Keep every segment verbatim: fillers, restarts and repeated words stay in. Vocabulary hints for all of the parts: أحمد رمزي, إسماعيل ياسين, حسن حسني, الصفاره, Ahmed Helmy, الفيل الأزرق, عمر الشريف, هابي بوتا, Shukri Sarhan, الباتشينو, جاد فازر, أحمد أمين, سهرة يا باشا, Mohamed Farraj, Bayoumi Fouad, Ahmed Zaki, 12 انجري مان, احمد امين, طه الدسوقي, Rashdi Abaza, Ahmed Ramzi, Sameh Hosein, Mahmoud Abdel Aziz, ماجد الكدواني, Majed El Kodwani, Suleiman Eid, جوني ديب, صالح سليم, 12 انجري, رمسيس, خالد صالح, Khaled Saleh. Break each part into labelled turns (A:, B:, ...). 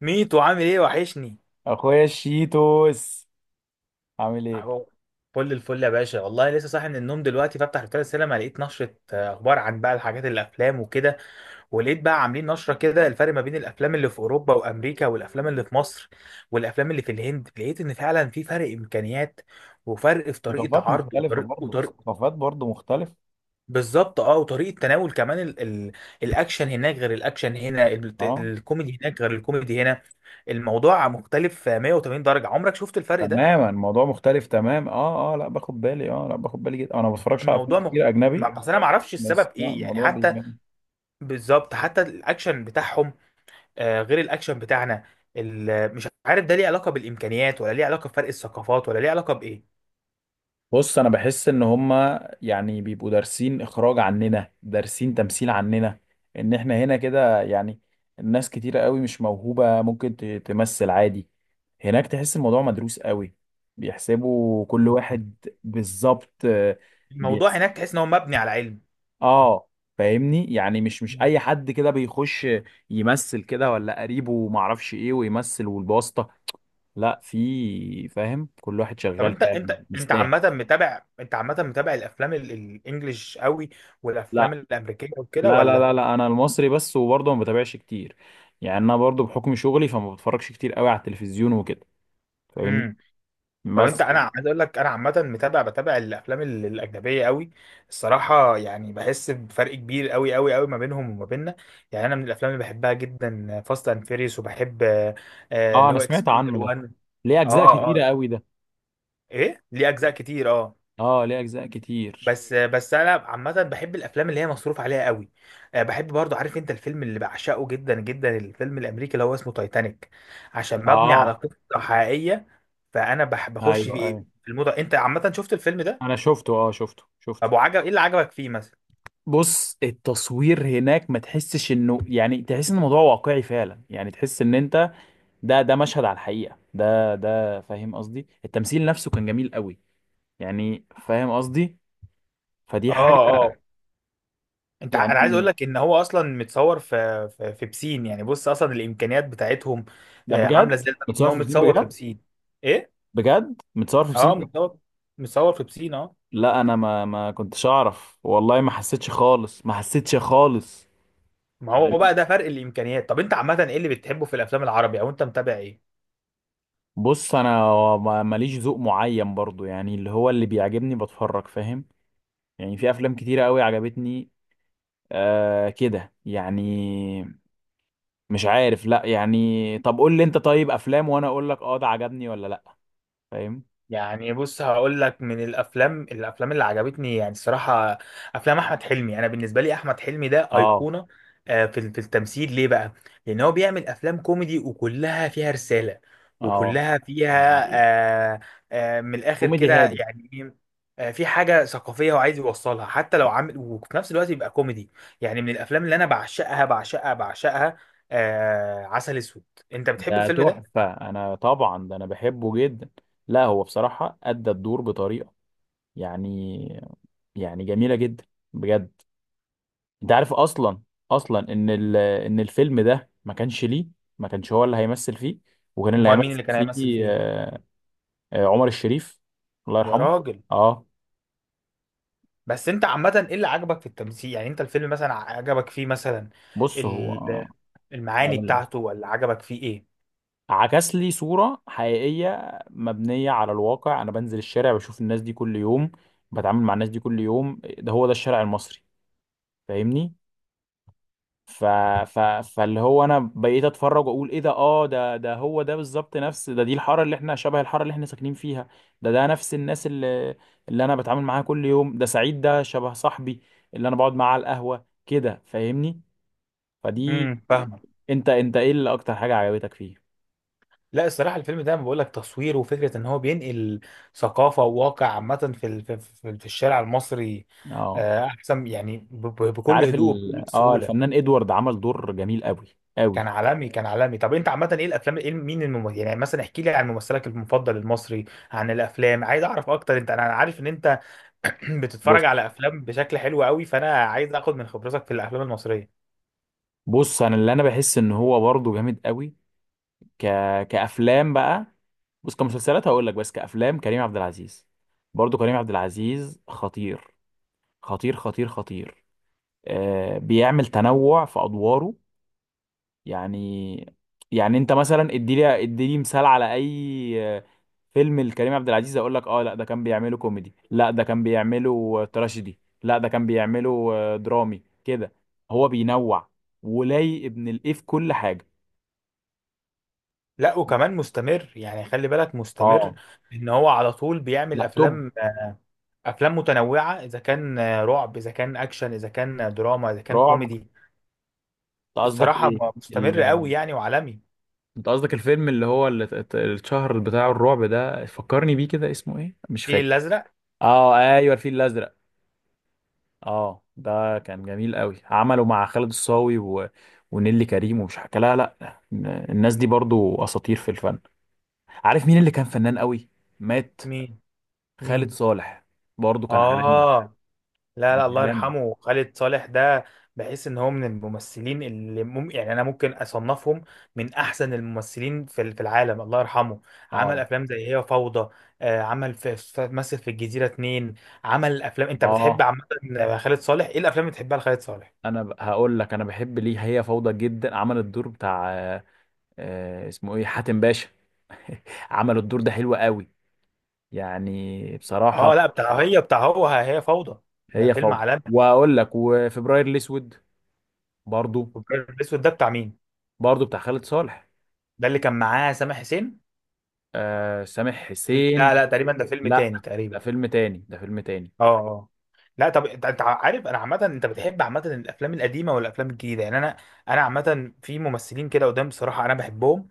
A: ميتو عامل ايه وحشني؟
B: اخويا الشيتوس، عامل ايه؟
A: أهو. فل الفل يا باشا، والله لسه صاحي من النوم. دلوقتي بفتح رسالة السينما لقيت نشرة آه، اخبار عن بقى الحاجات الافلام وكده. ولقيت بقى عاملين نشرة كده الفرق ما بين الافلام اللي في اوروبا وامريكا، والافلام اللي في مصر، والافلام اللي في الهند. لقيت ان فعلا في فرق امكانيات، وفرق في طريقة
B: ثقافات
A: عرض
B: مختلفة
A: وطريقة
B: برضه.
A: وطريقة
B: ثقافات برضه مختلفة.
A: بالظبط اه وطريقة تناول كمان ال... ال... الاكشن هناك غير الاكشن هنا، ال...
B: اه،
A: الكوميدي هناك غير الكوميدي هنا. الموضوع مختلف آه، مية وتمانين درجة. عمرك شفت الفرق ده؟
B: تماما. الموضوع مختلف تمام. اه، اه، لا باخد بالي. اه، لا باخد بالي جدا. انا ما بتفرجش على افلام
A: الموضوع مغ...
B: كتير
A: ما-
B: اجنبي.
A: بس انا ما اعرفش
B: بس
A: السبب
B: لا،
A: ايه يعني
B: الموضوع
A: حتى.
B: بيبان.
A: بالظبط حتى الاكشن بتاعهم آه، غير الاكشن بتاعنا. ال- مش عارف ده ليه علاقه بالامكانيات، ولا ليه علاقه بفرق الثقافات، ولا ليه علاقه بايه.
B: بص، انا بحس ان هما يعني بيبقوا دارسين اخراج عننا، دارسين تمثيل عننا. ان احنا هنا كده، يعني الناس كتيرة قوي مش موهوبة، ممكن ت- تمثل عادي. هناك تحس الموضوع مدروس قوي، بيحسبوا كل واحد بالظبط. آه،
A: الموضوع
B: بيحسب.
A: هناك تحس ان هو مبني على علم.
B: اه، فاهمني؟ يعني مش مش
A: مم.
B: اي حد كده بيخش يمثل كده، ولا قريبه معرفش ايه ويمثل، والواسطة. لا، في فاهم، كل واحد
A: طب
B: شغال
A: انت
B: فعلا.
A: انت انت
B: يستاهل.
A: عامه متابع انت عامه متابع الافلام ال- الانجليش قوي، والافلام
B: لا،
A: الامريكيه وكده
B: لا، لا، لا،
A: ولا؟
B: لا، انا المصري بس، وبرضه ما بتابعش كتير. يعني انا برضه بحكم شغلي فما بتفرجش كتير قوي على التلفزيون وكده. فاهمني؟
A: مم. طب انت
B: بس
A: انا عايز اقول لك، انا عامه متابع بتابع الافلام ال- الاجنبيه قوي. الصراحه يعني بحس بفرق كبير قوي قوي قوي ما بينهم وما بيننا. يعني انا من الافلام اللي بحبها جدا فاست اند فيريوس، وبحب آه، آه،
B: اه،
A: اللي
B: انا
A: هو
B: سمعت
A: اكسبندبل
B: عنه ده.
A: واحد.
B: ليه اجزاء
A: اه
B: كتيره
A: اه.
B: قوي ده؟
A: ايه ليه اجزاء كتير اه.
B: اه، ليه اجزاء كتير،
A: بس بس انا عامه بحب الافلام اللي هي مصروف عليها قوي. آه، بحب برضو. عارف انت الفيلم اللي بعشقه جدا جدا؟ الفيلم الامريكي اللي هو اسمه تايتانيك، عشان مبني
B: اه.
A: على قصه حقيقيه. فانا بح- بخش
B: ايوه،
A: في إيه؟
B: ايوه،
A: في الموضوع. انت عامه شفت الفيلم
B: انا
A: ده؟
B: شفته. اه، شفته، شفته.
A: طب وعجب ايه اللي عجبك فيه مثلا؟
B: بص، التصوير هناك ما تحسش انه، يعني تحس ان الموضوع واقعي فعلا. يعني تحس ان انت ده ده مشهد على الحقيقه. ده ده فاهم قصدي؟ التمثيل نفسه كان جميل قوي، يعني فاهم قصدي. فدي
A: اه
B: حاجه.
A: اه. انت ع- انا عايز
B: يعني
A: اقول لك ان هو اصلا متصور في في, في بسين. يعني بص، اصلا الامكانيات بتاعتهم
B: ده
A: آه، عامله
B: بجد
A: ازاي لدرجة ان
B: متصور
A: هو
B: في بسين
A: متصور في
B: بجد.
A: بسين. ايه
B: بجد متصور في بسين
A: اه.
B: بجد.
A: متصور متصور في بسين اه.
B: لا، انا ما ما كنتش اعرف، والله ما حسيتش خالص، ما حسيتش خالص.
A: ما هو
B: غريب.
A: بقى ده فرق الامكانيات. طب انت عامه ايه اللي بتحبه في الافلام العربي، او انت متابع ايه؟
B: بص، انا ما- ماليش ذوق معين برضو، يعني اللي هو اللي بيعجبني بتفرج، فاهم؟ يعني في افلام كتيرة قوي عجبتني، آه كده يعني. مش عارف، لا، يعني طب قول لي انت طيب افلام، وانا اقول لك اه ده عجبني ولا لا. فاهم؟
A: يعني بص هقول لك من الافلام الافلام اللي عجبتني يعني الصراحه، افلام احمد حلمي. انا بالنسبه لي احمد حلمي ده
B: اه،
A: ايقونه آه، في في التمثيل. ليه بقى؟ لان هو بيعمل افلام كوميدي وكلها فيها رساله،
B: اه،
A: وكلها فيها آه، آه، من الاخر
B: كوميدي
A: كده
B: هادف.
A: يعني إيه، آه، في حاجه ثقافيه هو عايز يوصلها، حتى لو عامل وفي نفس الوقت يبقى كوميدي. يعني من الافلام اللي انا بعشقها بعشقها بعشقها آه، عسل اسود. انت بتحب
B: ده
A: الفيلم ده؟
B: تحفة، أنا طبعا ده أنا بحبه جدا. لا، هو بصراحة أدى الدور بطريقة، يعني يعني جميلة جدا، بجد. أنت عارف أصلا أصلا إن ال... إن الفيلم ده ما كانش ليه، ما كانش هو اللي هيمثل فيه، وكان اللي
A: امال مين
B: هيمثل
A: اللي كان هيمثل
B: فيه
A: فيه؟
B: آه، آه، عمر الشريف، الله
A: يا
B: يرحمه.
A: راجل.
B: أه.
A: بس انت عامة ايه اللي عجبك في التمثيل؟ يعني انت الفيلم مثلا عجبك فيه مثلا؟
B: بص، هو
A: ال-
B: آه،
A: المعاني
B: هقول لك.
A: بتاعته، ولا عجبك فيه ايه؟
B: عكس لي صورة حقيقية مبنية على الواقع. أنا بنزل الشارع بشوف الناس دي كل يوم، بتعامل مع الناس دي كل يوم. ده هو ده الشارع المصري. فاهمني؟ ف... ف... فاللي هو انا بقيت اتفرج واقول ايه ده. اه، ده ده هو ده بالظبط، نفس ده. دي الحاره اللي احنا شبه الحاره اللي احنا ساكنين فيها. ده ده نفس الناس اللي اللي انا بتعامل معاها كل يوم. ده سعيد، ده شبه صاحبي اللي انا بقعد معاه على القهوه كده. فاهمني؟ فدي.
A: امم فاهمك.
B: انت انت ايه اللي اكتر حاجه عجبتك فيه؟
A: لا الصراحة الفيلم ده، بقول لك، تصوير وفكرة ان هو بينقل ثقافة وواقع عامة في ال- في في- في الشارع المصري،
B: اه،
A: آه، احسن يعني ب- ب-
B: انت
A: بكل
B: عارف
A: هدوء
B: ال...
A: وبكل
B: اه،
A: سهولة.
B: الفنان ادوارد عمل دور جميل قوي،
A: كان
B: قوي.
A: عالمي. كان عالمي. طب انت عامة ايه الافلام، ايه مين الممثل؟ يعني مثلا احكي لي عن ممثلك المفضل المصري، عن الافلام. عايز اعرف اكتر. انت، انا عارف ان انت بتتفرج على
B: بص
A: افلام بشكل حلو قوي، فانا عايز اخد من خبرتك في الافلام المصريه.
B: بص انا اللي انا بحس ان هو برضه جامد قوي، ك... كأفلام بقى. بص، كمسلسلات هقول لك، بس كأفلام كريم عبد العزيز. برضو كريم عبد العزيز خطير، خطير، خطير، خطير. آه، بيعمل تنوع في أدواره، يعني يعني انت مثلا اديلي اديلي مثال على اي آه، فيلم لكريم عبد العزيز اقول لك. اه، لا، ده كان بيعمله كوميدي، لا ده كان بيعمله تراجيدي، لا ده كان بيعمله آه، درامي كده. هو بينوع ولاي ابن الايه في كل حاجة.
A: لا وكمان مستمر، يعني خلي بالك مستمر،
B: اه،
A: ان هو على طول بيعمل
B: لا توب.
A: افلام افلام متنوعه، اذا كان رعب، اذا كان اكشن، اذا كان دراما، اذا كان
B: رعب.
A: كوميدي.
B: انت قصدك
A: الصراحه
B: ايه؟
A: مستمر قوي
B: ال...
A: يعني، وعالمي.
B: انت قصدك الفيلم اللي هو اللي ات- الشهر بتاع الرعب ده، فكرني بيه كده، اسمه ايه؟ مش
A: الفيل
B: فاكر.
A: الازرق.
B: اه، ايوه، الفيل الازرق. اه، ده كان جميل قوي. عمله مع خالد الصاوي و... ونيلي كريم، ومش حكى، لا، لا، الناس دي برضو اساطير في الفن. عارف مين اللي كان فنان قوي، مات؟
A: مين؟
B: خالد
A: مين؟
B: صالح. برضو كان عالمي،
A: اه لا
B: كان
A: لا، الله
B: عالمي.
A: يرحمه خالد صالح ده. بحس ان هو من الممثلين اللي مم... يعني انا ممكن اصنفهم من احسن الممثلين في ال- في العالم. الله يرحمه. عمل
B: اه،
A: افلام زي هي فوضى، آه، عمل في في- مثل في الجزيرة اتنين. عمل افلام. انت بتحب
B: اه،
A: عامة خالد صالح؟ ايه الافلام اللي بتحبها لخالد صالح؟
B: انا ب- هقول لك، انا بحب ليه هي فوضى جدا. عمل الدور بتاع آه، آه، اسمه ايه، حاتم باشا. عملوا الدور ده حلو قوي، يعني بصراحة.
A: اه لا، بتاع هي بتاع هو هي فوضى. ده
B: هي
A: فيلم
B: فوضى،
A: عالمي.
B: واقول لك، وفبراير الاسود. برضو.
A: والابيض الاسود ده بتاع مين؟
B: برضو بتاع خالد صالح.
A: ده اللي كان معاه سامح حسين؟
B: آه، سامح
A: لا.
B: حسين.
A: لا تقريبا ده فيلم
B: لا،
A: تاني
B: ده
A: تقريبا.
B: فيلم تاني، ده فيلم تاني.
A: اه اه. لا طب انت انت عارف، انا عامه انت بتحب عامه الافلام القديمه ولا الافلام الجديده؟ يعني انا، انا عامه في ممثلين كده قدام بصراحه انا بحبهم،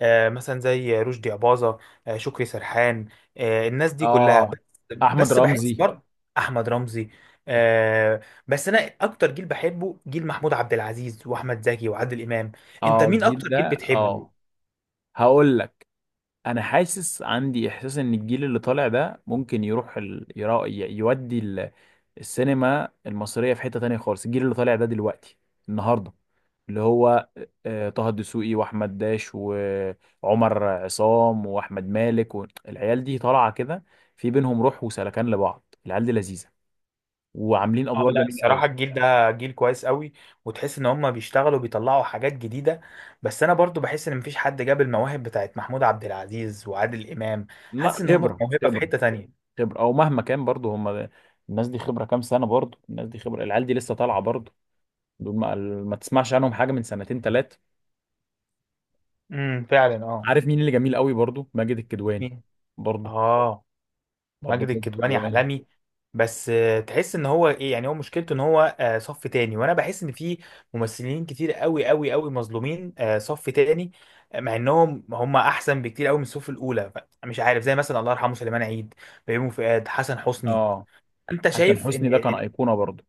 A: آه مثلا زي رشدي اباظه، آه شكري سرحان، آه الناس دي كلها
B: اه،
A: بس.
B: احمد
A: بس بحس
B: رمزي.
A: برضه، احمد رمزي، آه بس انا اكتر جيل بحبه جيل محمود عبد العزيز واحمد زكي وعادل امام. انت
B: اه،
A: مين
B: الجيل
A: اكتر جيل
B: ده،
A: بتحبه؟
B: اه. هقول لك، انا حاسس، عندي احساس ان الجيل اللي طالع ده ممكن يروح ال... يرا... ي- يودي السينما المصرية في حتة تانية خالص. الجيل اللي طالع ده دلوقتي، النهاردة، اللي هو آه، طه الدسوقي واحمد داش وعمر عصام واحمد مالك، والعيال دي طالعة كده. في بينهم روح وسلكان لبعض. العيال دي لذيذة وعاملين
A: اه
B: ادوار
A: لا
B: جميلة قوي.
A: الصراحة الجيل ده جيل كويس قوي، وتحس ان هم بيشتغلوا، بيطلعوا حاجات جديدة. بس انا برضو بحس ان مفيش حد جاب المواهب بتاعت محمود عبد العزيز وعادل امام.
B: لا،
A: حاسس ان هم
B: خبرة.
A: موهبة في
B: خبرة،
A: حتة تانية.
B: خبرة او مهما كان، برضو هم الناس دي خبرة كام سنة. برضو الناس دي خبرة. العيال دي لسه طالعة برضو. دول ما, ما تسمعش عنهم حاجة من سنتين تلاتة.
A: امم فعلا اه.
B: عارف مين اللي جميل قوي برضو؟ ماجد الكدواني.
A: مين؟
B: برضو،
A: اه.
B: برضه
A: ماجد
B: ماجد
A: الكدواني
B: الكدواني.
A: عالمي. بس آه، تحس ان هو ايه، يعني هو مشكلته ان هو آه، صف تاني، وانا بحس ان في ممثلين كتير قوي قوي قوي مظلومين آه، صف تاني، آه، مع انهم هم احسن بكتير قوي من الصف الاولى. ف- مش عارف، زي مثلا الله يرحمه سليمان عيد، بيومي فؤاد، حسن حسني.
B: اه،
A: انت
B: حسن
A: شايف ان
B: حسني ده كان
A: إن
B: ايقونه برضه.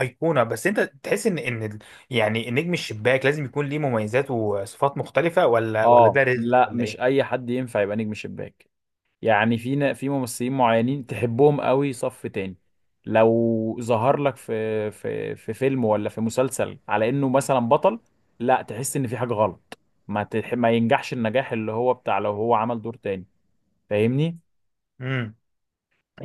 A: ايقونه؟ بس انت تحس ان ان ال- يعني النجم الشباك لازم يكون ليه مميزات وصفات مختلفه، ولا ولا
B: اه،
A: ده رزق
B: لا،
A: ولا
B: مش
A: ايه؟
B: اي حد ينفع يبقى نجم شباك. يعني في نا- في ممثلين معينين تحبهم قوي، صف تاني. لو ظهر لك في في في فيلم ولا في مسلسل على انه مثلا بطل، لا، تحس ان في حاجه غلط. ما تح... ما ينجحش النجاح اللي هو بتاع لو هو عمل دور تاني. فاهمني؟
A: إمم.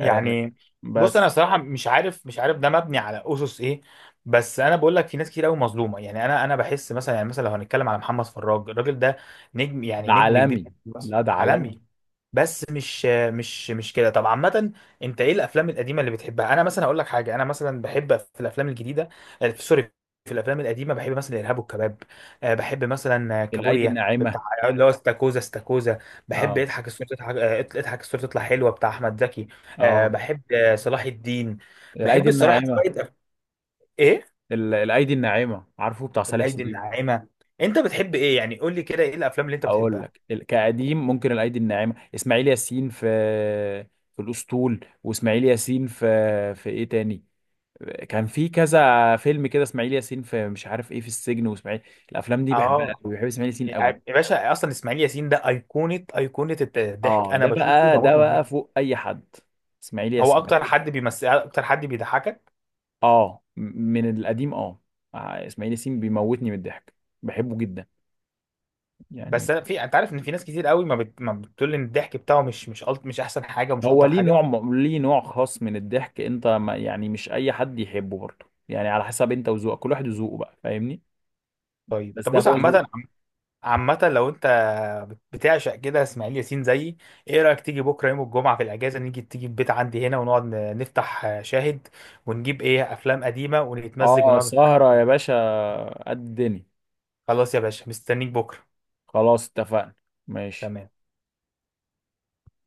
B: آه،
A: بص انا
B: بس.
A: صراحه مش عارف مش عارف ده مبني على اسس ايه. بس انا بقول لك في ناس كتير قوي مظلومه، يعني انا انا بحس مثلا، يعني مثلا لو هنتكلم على محمد فراج، الراجل ده نجم،
B: ده
A: يعني نجم كبير.
B: عالمي،
A: بس
B: لا، ده
A: عالمي.
B: عالمي.
A: بس مش مش مش كده. طب عامه، انت ايه الافلام القديمه اللي بتحبها؟ انا مثلا هقول لك حاجه، انا مثلا بحب في الافلام الجديده آه، في. سوري. في الافلام القديمه بحب مثلا الارهاب والكباب، آه، بحب مثلا آه،
B: الايدي
A: كابوريا بتاع،
B: الناعمه.
A: اللي هو استاكوزا استاكوزا. بحب
B: اه،
A: اضحك الصوره تضحك آه، اضحك الصوره تطلع حلوه بتاع احمد زكي. آه
B: اه،
A: بحب آه، صلاح الدين.
B: الايدي
A: بحب الصراحة
B: الناعمه.
A: شوية أف... إيه؟
B: ال- الايدي الناعمه، عارفه، بتاع صالح
A: الأيدي
B: سليم.
A: الناعمة. أنت بتحب إيه يعني؟ قول لي كده إيه الأفلام اللي أنت
B: اقول
A: بتحبها؟
B: لك، ال- كقديم ممكن الايدي الناعمه، اسماعيل ياسين في في الاسطول، واسماعيل ياسين في في ايه تاني، كان في كذا فيلم كده، اسماعيل ياسين في مش عارف ايه، في السجن، واسماعيل. الافلام دي بحبها
A: آه
B: قوي، بحب اسماعيل ياسين
A: يا
B: قوي.
A: باشا، أصلا إسماعيل ياسين ده أيقونة، أيقونة الضحك.
B: اه،
A: أنا
B: ده
A: بشوفه
B: بقى،
A: بموت
B: ده
A: من
B: بقى
A: الضحك.
B: فوق اي حد، اسماعيل
A: هو
B: ياسين.
A: أكتر حد بيمثل أكتر حد بيضحكك.
B: اه، م- من القديم، اه. آه، اسماعيل ياسين بيموتني من الضحك، بحبه جدا يعني.
A: بس أنا في أنت عارف إن في ناس كتير قوي ما, بت... ما بتقول إن الضحك بتاعه مش مش ألط... مش أحسن حاجة ومش
B: هو
A: ألطف
B: ليه
A: حاجة.
B: نوع م- ليه نوع خاص من الضحك. انت، ما يعني، مش اي حد يحبه برضه يعني، على حسب انت وذوقك، كل واحد وذوقه بقى. فاهمني؟
A: طيب
B: بس
A: طب
B: ده
A: بص
B: هو ذوق.
A: عامة، عامة لو انت بتعشق كده اسماعيل ياسين زيي، ايه رأيك تيجي بكرة يوم الجمعة في الأجازة، نيجي تيجي البيت عندي هنا، ونقعد ن- نفتح شاهد ونجيب ايه أفلام قديمة، ونتمزج
B: اه،
A: ونقعد نتفرج
B: سهرة يا
A: عليها.
B: باشا، قد الدنيا.
A: خلاص يا باشا مستنيك بكرة.
B: خلاص اتفقنا. ماشي.
A: تمام.